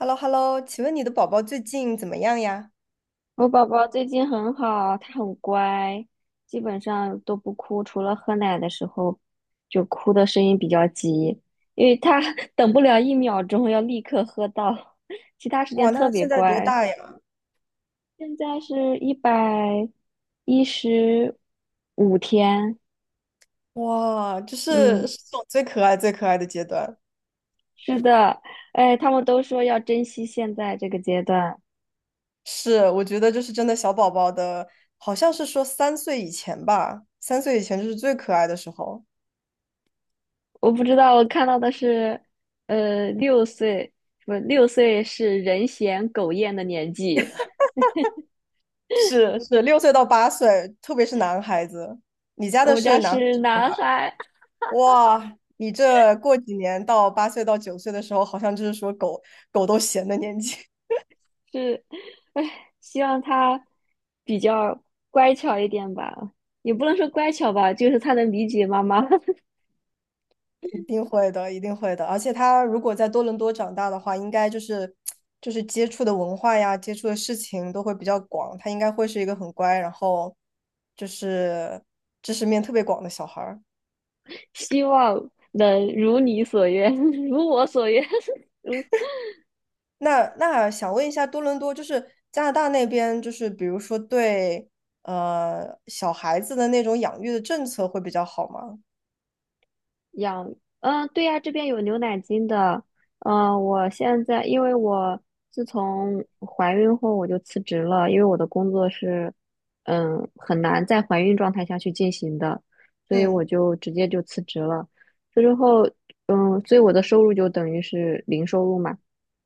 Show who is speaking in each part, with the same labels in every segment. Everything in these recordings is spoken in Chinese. Speaker 1: h e l l o h e l l o 请问你的宝宝最近怎么样呀？
Speaker 2: 我宝宝最近很好，他很乖，基本上都不哭，除了喝奶的时候，就哭的声音比较急，因为他 等不了1秒钟，要立刻喝到，其他时间
Speaker 1: 哇，那
Speaker 2: 特
Speaker 1: 他
Speaker 2: 别
Speaker 1: 现在多
Speaker 2: 乖。
Speaker 1: 大呀？
Speaker 2: 现在是115天，
Speaker 1: 哇，就是
Speaker 2: 嗯，
Speaker 1: 是这种最可爱、最可爱的阶段。
Speaker 2: 是的，哎，他们都说要珍惜现在这个阶段。
Speaker 1: 是，我觉得就是真的小宝宝的，好像是说三岁以前吧，三岁以前就是最可爱的时候。
Speaker 2: 我不知道，我看到的是，六岁，不，六岁是人嫌狗厌的年纪。
Speaker 1: 是是，6岁到八岁，特别是男孩子。你家
Speaker 2: 我
Speaker 1: 的
Speaker 2: 们
Speaker 1: 是
Speaker 2: 家
Speaker 1: 男孩
Speaker 2: 是
Speaker 1: 子女
Speaker 2: 男
Speaker 1: 孩？
Speaker 2: 孩，
Speaker 1: 哇，你这过几年到八岁到9岁的时候，好像就是说狗狗都闲的年纪。
Speaker 2: 是，唉，希望他比较乖巧一点吧，也不能说乖巧吧，就是他能理解妈妈，
Speaker 1: 一定会的，一定会的。而且他如果在多伦多长大的话，应该就是接触的文化呀，接触的事情都会比较广。他应该会是一个很乖，然后就是知识面特别广的小孩儿。
Speaker 2: 希望能如你所愿，如我所愿，如。
Speaker 1: 那想问一下，多伦多就是加拿大那边，就是比如说对小孩子的那种养育的政策会比较好吗？
Speaker 2: 养，嗯，对呀，这边有牛奶金的。嗯，我现在因为我自从怀孕后我就辞职了，因为我的工作是，嗯，很难在怀孕状态下去进行的，所以
Speaker 1: 嗯
Speaker 2: 我就直接就辞职了。辞职后，嗯，所以我的收入就等于是零收入嘛，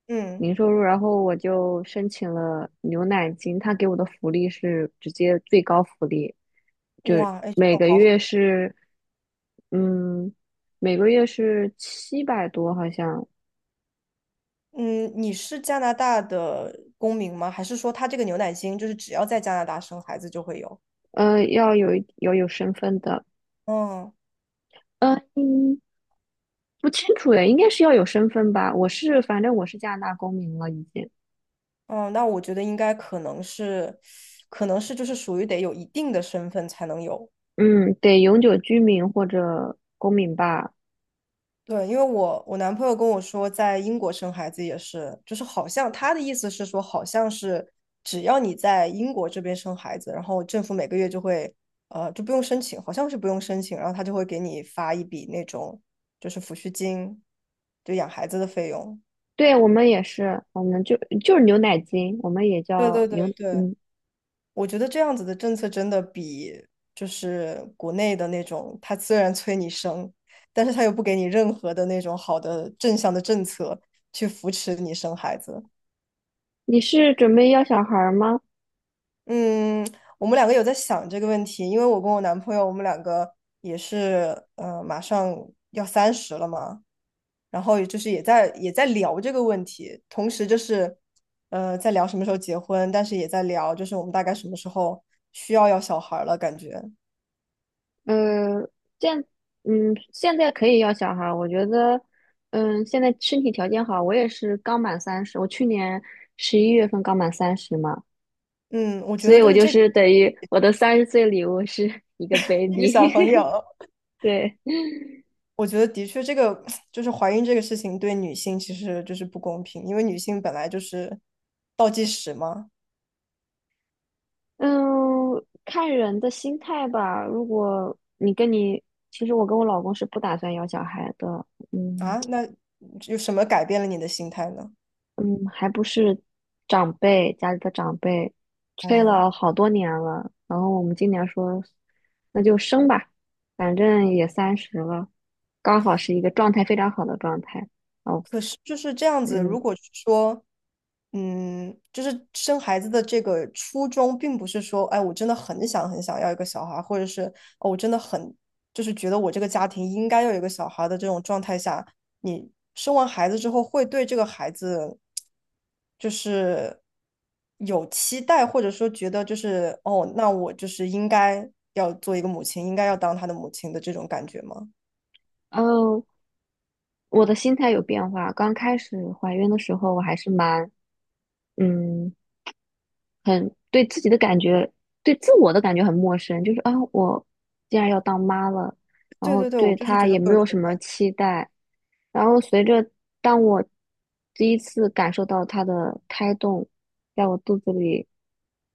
Speaker 1: 嗯，
Speaker 2: 零收入。然后我就申请了牛奶金，他给我的福利是直接最高福利，就
Speaker 1: 哇，哎，这
Speaker 2: 每
Speaker 1: 种
Speaker 2: 个
Speaker 1: 好好。
Speaker 2: 月是，嗯，每个月是700多，好像，
Speaker 1: 嗯，你是加拿大的公民吗？还是说他这个牛奶金就是只要在加拿大生孩子就会有？
Speaker 2: 要有身份的，
Speaker 1: 嗯
Speaker 2: 呃嗯，不清楚诶，应该是要有身份吧？我是，反正我是加拿大公民了，已经，
Speaker 1: 嗯，那我觉得应该可能是，就是属于得有一定的身份才能有。
Speaker 2: 嗯，得永久居民或者公民吧？
Speaker 1: 对，因为我男朋友跟我说，在英国生孩子也是，就是好像他的意思是说，好像是只要你在英国这边生孩子，然后政府每个月就会，就不用申请，好像是不用申请，然后他就会给你发一笔那种就是抚恤金，就养孩子的费用。
Speaker 2: 对，我们也是，我们就是牛奶金，我们也
Speaker 1: 对
Speaker 2: 叫
Speaker 1: 对对
Speaker 2: 牛，
Speaker 1: 对，
Speaker 2: 嗯，
Speaker 1: 我觉得这样子的政策真的比就是国内的那种，他虽然催你生，但是他又不给你任何的那种好的正向的政策去扶持你生孩子。
Speaker 2: 你是准备要小孩儿吗？
Speaker 1: 嗯，我们两个有在想这个问题，因为我跟我男朋友，我们两个也是，马上要三十了嘛，然后也就是也在也在聊这个问题，同时就是，在聊什么时候结婚，但是也在聊就是我们大概什么时候需要要小孩儿了，感觉，
Speaker 2: 呃，现现在可以要小孩儿我觉得，嗯，现在身体条件好，我也是刚满三十，我去年11月份刚满三十嘛，
Speaker 1: 嗯，我觉
Speaker 2: 所
Speaker 1: 得
Speaker 2: 以
Speaker 1: 就
Speaker 2: 我
Speaker 1: 是
Speaker 2: 就
Speaker 1: 这个
Speaker 2: 是等于我的30岁礼物是 一个
Speaker 1: 一个小
Speaker 2: baby，
Speaker 1: 朋友，
Speaker 2: 对，
Speaker 1: 我觉得的确这个 就是怀孕这个事情对女性其实就是不公平，因为女性本来就是倒计时嘛。
Speaker 2: 嗯，看人的心态吧。如果你跟你，其实我跟我老公是不打算要小孩的，嗯，
Speaker 1: 啊，那有什么改变了你的心态呢？
Speaker 2: 嗯，还不是长辈家里的长辈催
Speaker 1: 嗯。
Speaker 2: 了好多年了，然后我们今年说那就生吧，反正也三十了，刚好是一个状态非常好的状态。哦，
Speaker 1: 可是就是这样子，
Speaker 2: 嗯，
Speaker 1: 如果是说，嗯，就是生孩子的这个初衷，并不是说，哎，我真的很想很想要一个小孩，或者是，哦，我真的很，就是觉得我这个家庭应该要有一个小孩的这种状态下，你生完孩子之后，会对这个孩子，就是有期待，或者说觉得就是，哦，那我就是应该要做一个母亲，应该要当他的母亲的这种感觉吗？
Speaker 2: 哦，我的心态有变化。刚开始怀孕的时候，我还是嗯很对自己的感觉，对自我的感觉很陌生，就是啊，我既然要当妈了，然
Speaker 1: 对
Speaker 2: 后
Speaker 1: 对对，我
Speaker 2: 对
Speaker 1: 就是
Speaker 2: 她
Speaker 1: 觉
Speaker 2: 也
Speaker 1: 得会
Speaker 2: 没
Speaker 1: 有。
Speaker 2: 有什么期待，然后随着当我第一次感受到他的胎动，在我肚子里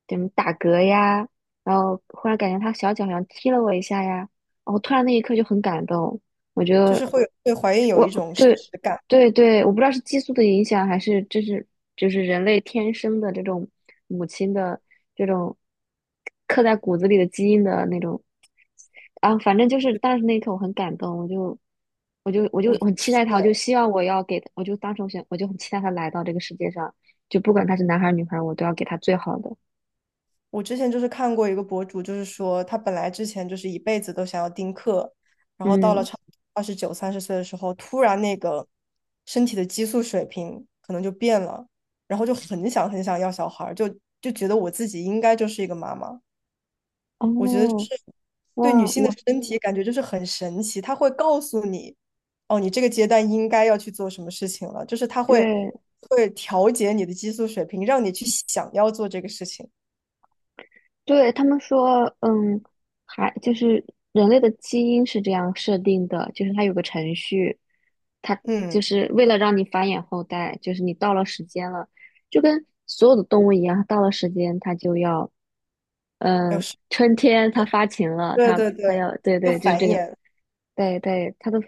Speaker 2: 怎么打嗝呀，然后忽然感觉他小脚好像踢了我一下呀，然后突然那一刻就很感动，我觉
Speaker 1: 就
Speaker 2: 得
Speaker 1: 是会有对怀孕有
Speaker 2: 我
Speaker 1: 一种
Speaker 2: 就。
Speaker 1: 实感。
Speaker 2: 对对，我不知道是激素的影响，还是就是人类天生的这种母亲的这种刻在骨子里的基因的那种啊，反正就是当时那一刻我很感动，我就
Speaker 1: 我
Speaker 2: 很期
Speaker 1: 是
Speaker 2: 待他，我就希望我要给他，我就当时我想我就很期待他来到这个世界上，就不管他是男孩儿女孩儿，我都要给他最好的。
Speaker 1: 我之前就是看过一个博主，就是说他本来之前就是一辈子都想要丁克，然后到了
Speaker 2: 嗯，
Speaker 1: 差29、30岁的时候，突然那个身体的激素水平可能就变了，然后就很想很想要小孩儿就觉得我自己应该就是一个妈妈。我觉得就
Speaker 2: 哦，
Speaker 1: 是对女
Speaker 2: 哇，
Speaker 1: 性的
Speaker 2: 我
Speaker 1: 身体感觉就是很神奇，它会告诉你，哦，你这个阶段应该要去做什么事情了，就是它会
Speaker 2: 对。
Speaker 1: 会调节你的激素水平，让你去想要做这个事情。
Speaker 2: 对，他们说，嗯，还就是人类的基因是这样设定的，就是它有个程序，它就
Speaker 1: 嗯，
Speaker 2: 是为了让你繁衍后代，就是你到了时间了，就跟所有的动物一样，到了时间它就要，
Speaker 1: 要
Speaker 2: 嗯，
Speaker 1: 是
Speaker 2: 春天它发情了，
Speaker 1: 对
Speaker 2: 它
Speaker 1: 对对，
Speaker 2: 它要，对
Speaker 1: 要
Speaker 2: 对，就是
Speaker 1: 繁
Speaker 2: 这个，
Speaker 1: 衍。
Speaker 2: 对对，它的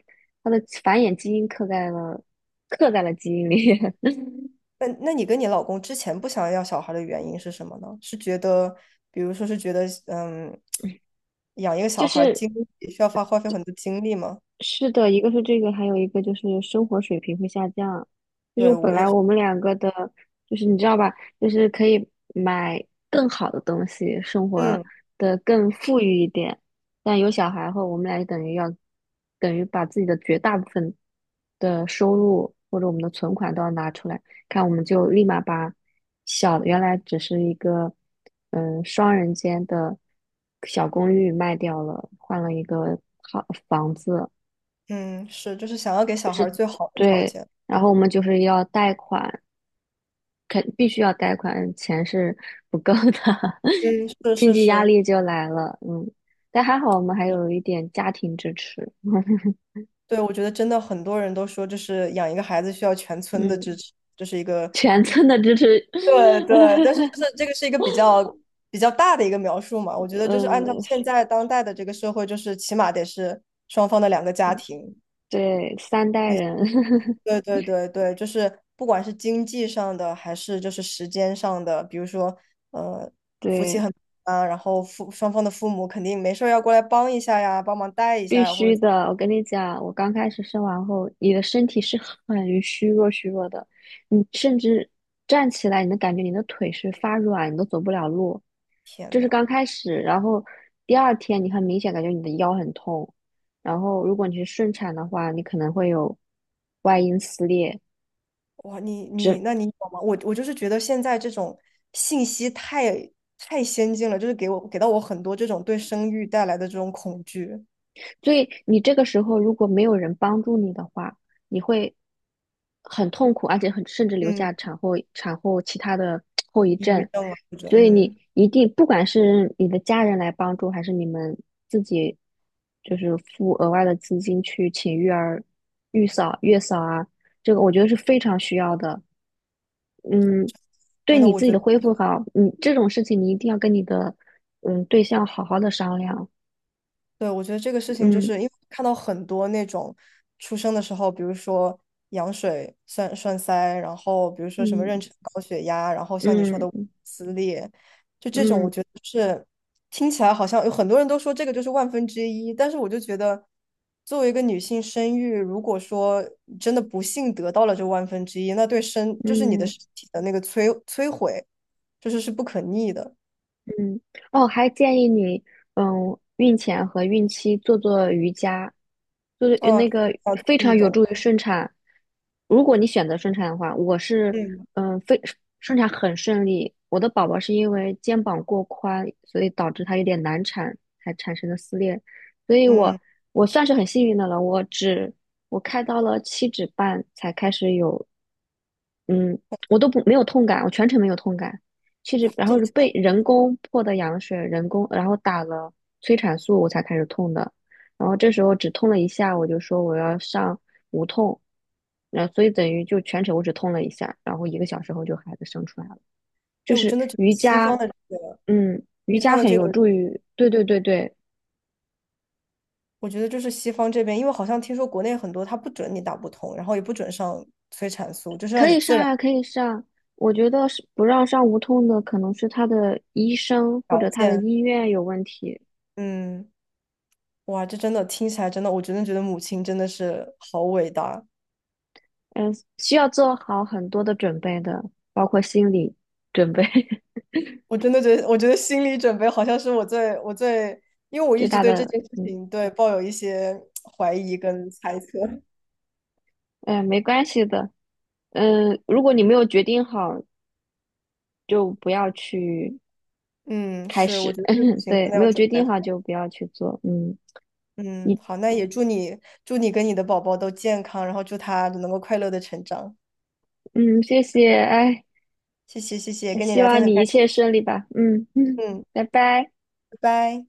Speaker 2: 它的繁衍基因刻在了基因里，
Speaker 1: 那你跟你老公之前不想要小孩的原因是什么呢？是觉得，比如说是觉得，嗯，养一个
Speaker 2: 就
Speaker 1: 小孩
Speaker 2: 是。
Speaker 1: 精力需要花费很多精力吗？
Speaker 2: 是的，一个是这个，还有一个就是生活水平会下降。就是
Speaker 1: 对，
Speaker 2: 本
Speaker 1: 我也
Speaker 2: 来
Speaker 1: 是，
Speaker 2: 我们两个的，就是你知道吧，就是可以买更好的东西，生活
Speaker 1: 嗯
Speaker 2: 的更富裕一点。但有小孩后，我们俩就等于要，等于把自己的绝大部分的收入或者我们的存款都要拿出来，看我们就立马原来只是一个双人间的小公寓卖掉了，换了一个好房子。
Speaker 1: 嗯，是，就是想要给小孩最好的条
Speaker 2: 对，
Speaker 1: 件。
Speaker 2: 然后我们就是要贷款，必须要贷款，钱是 不够的，
Speaker 1: 是
Speaker 2: 经
Speaker 1: 是
Speaker 2: 济压
Speaker 1: 是，
Speaker 2: 力就来了。嗯，但还好我们还有一点家庭支持，
Speaker 1: 对，我觉得真的很多人都说，就是养一个孩子需要全村的支
Speaker 2: 嗯，
Speaker 1: 持，这是一个
Speaker 2: 全 村的支持，
Speaker 1: 对对，但是就是 这个是一个比较大的一个描述嘛，我觉得就是按照
Speaker 2: 嗯，
Speaker 1: 现在当代的这个社会，就是起码得是双方的两个家庭，
Speaker 2: 对，三代人，
Speaker 1: 对对对对，就是不管是经济上的还是就是时间上的，比如说呃
Speaker 2: 对。
Speaker 1: 然后父双方的父母肯定没事儿要过来帮一下呀，帮忙带一
Speaker 2: 必
Speaker 1: 下呀，或
Speaker 2: 须
Speaker 1: 者
Speaker 2: 的，我跟你讲，我刚开始生完后，你的身体是很虚弱、虚弱的，你甚至站起来，你能感觉你的腿是发软，你都走不了路。
Speaker 1: 天
Speaker 2: 就
Speaker 1: 呐。
Speaker 2: 是刚开始，然后第二天你很明显感觉你的腰很痛，然后如果你是顺产的话，你可能会有外阴撕裂，
Speaker 1: 哇，你
Speaker 2: 整
Speaker 1: 那你有吗？我就是觉得现在这种信息太先进了，就是给到我很多这种对生育带来的这种恐惧，
Speaker 2: 所以你这个时候如果没有人帮助你的话，你会很痛苦，而且甚至留
Speaker 1: 嗯，
Speaker 2: 下产后其他的后遗
Speaker 1: 抑
Speaker 2: 症。
Speaker 1: 郁症啊，或者
Speaker 2: 所以你
Speaker 1: 嗯，
Speaker 2: 一定，不管是你的家人来帮助，还是你们自己就是付额外的资金去请育儿、育嫂、月嫂啊，这个我觉得是非常需要的。嗯，对
Speaker 1: 真的，
Speaker 2: 你
Speaker 1: 我
Speaker 2: 自己
Speaker 1: 觉
Speaker 2: 的
Speaker 1: 得，
Speaker 2: 恢复好，你这种事情你一定要跟你的对象好好的商量。
Speaker 1: 对，我觉得这个事情就
Speaker 2: 嗯
Speaker 1: 是因为看到很多那种出生的时候，比如说羊水栓塞，然后比如说什么妊
Speaker 2: 嗯
Speaker 1: 娠高血压，然后像你说的
Speaker 2: 嗯。
Speaker 1: 撕裂，
Speaker 2: 嗯
Speaker 1: 听起来好像有很多人都说这个就是万分之一，但是我就觉得，作为一个女性生育，如果说真的不幸得到了这万分之一，那就是你的
Speaker 2: 嗯
Speaker 1: 身体的那个摧毁，就是不可逆的
Speaker 2: 嗯，哦，还建议你，嗯，孕前和孕期做做瑜伽，做做
Speaker 1: 啊。要做
Speaker 2: 非常
Speaker 1: 运
Speaker 2: 有
Speaker 1: 动，
Speaker 2: 助于顺产。如果你选择顺产的话，我是，
Speaker 1: 嗯
Speaker 2: 嗯，非顺产很顺利。我的宝宝是因为肩膀过宽，所以导致他有点难产，才产生的撕裂。所以
Speaker 1: 嗯，
Speaker 2: 我算是很幸运的了，我开到了7指半才开始有，嗯，我都不没有痛感，我全程没有痛感。其实然后
Speaker 1: 这
Speaker 2: 是被人工破的羊水，人工然后打了催产素，我才开始痛的。然后这时候只痛了一下，我就说我要上无痛，然后所以等于就全程我只痛了一下，然后1个小时后就孩子生出来了。就
Speaker 1: 哎，我
Speaker 2: 是
Speaker 1: 真的觉得
Speaker 2: 瑜
Speaker 1: 西
Speaker 2: 伽，
Speaker 1: 方的这个
Speaker 2: 嗯，瑜
Speaker 1: 西
Speaker 2: 伽
Speaker 1: 方的
Speaker 2: 很
Speaker 1: 这个，
Speaker 2: 有助于，对对对对，
Speaker 1: 我觉得就是西方这边，因为好像听说国内很多它不准你打不通，然后也不准上催产素，就是让
Speaker 2: 可
Speaker 1: 你
Speaker 2: 以上
Speaker 1: 自然
Speaker 2: 呀，可以上。我觉得是不让上无痛的，可能是他的医生或者
Speaker 1: 条
Speaker 2: 他的
Speaker 1: 件，
Speaker 2: 医院有问题。
Speaker 1: 嗯。哇，这真的听起来真的，我真的觉得母亲真的是好伟大。
Speaker 2: 嗯，需要做好很多的准备的，包括心理准备，
Speaker 1: 我真的觉得，我觉得心理准备好像是我最，因为我
Speaker 2: 最
Speaker 1: 一直
Speaker 2: 大
Speaker 1: 对这
Speaker 2: 的，
Speaker 1: 件事
Speaker 2: 嗯，
Speaker 1: 情抱有一些怀疑跟猜测。
Speaker 2: 哎，没关系的，嗯，如果你没有决定好，就不要去
Speaker 1: 嗯，
Speaker 2: 开
Speaker 1: 是，我
Speaker 2: 始，
Speaker 1: 觉得这个事 情
Speaker 2: 对，
Speaker 1: 真的
Speaker 2: 没
Speaker 1: 要
Speaker 2: 有
Speaker 1: 准
Speaker 2: 决
Speaker 1: 备
Speaker 2: 定好
Speaker 1: 好。
Speaker 2: 就不要去做，嗯，
Speaker 1: 嗯，
Speaker 2: 一，
Speaker 1: 好，那也祝你跟你的宝宝都健康，然后祝他能够快乐的成长。
Speaker 2: 嗯，谢谢，哎，
Speaker 1: 谢谢谢谢，跟你
Speaker 2: 希
Speaker 1: 聊天
Speaker 2: 望
Speaker 1: 很
Speaker 2: 你
Speaker 1: 开
Speaker 2: 一
Speaker 1: 心。
Speaker 2: 切顺利吧，嗯嗯，
Speaker 1: 嗯，
Speaker 2: 拜拜。
Speaker 1: 拜拜。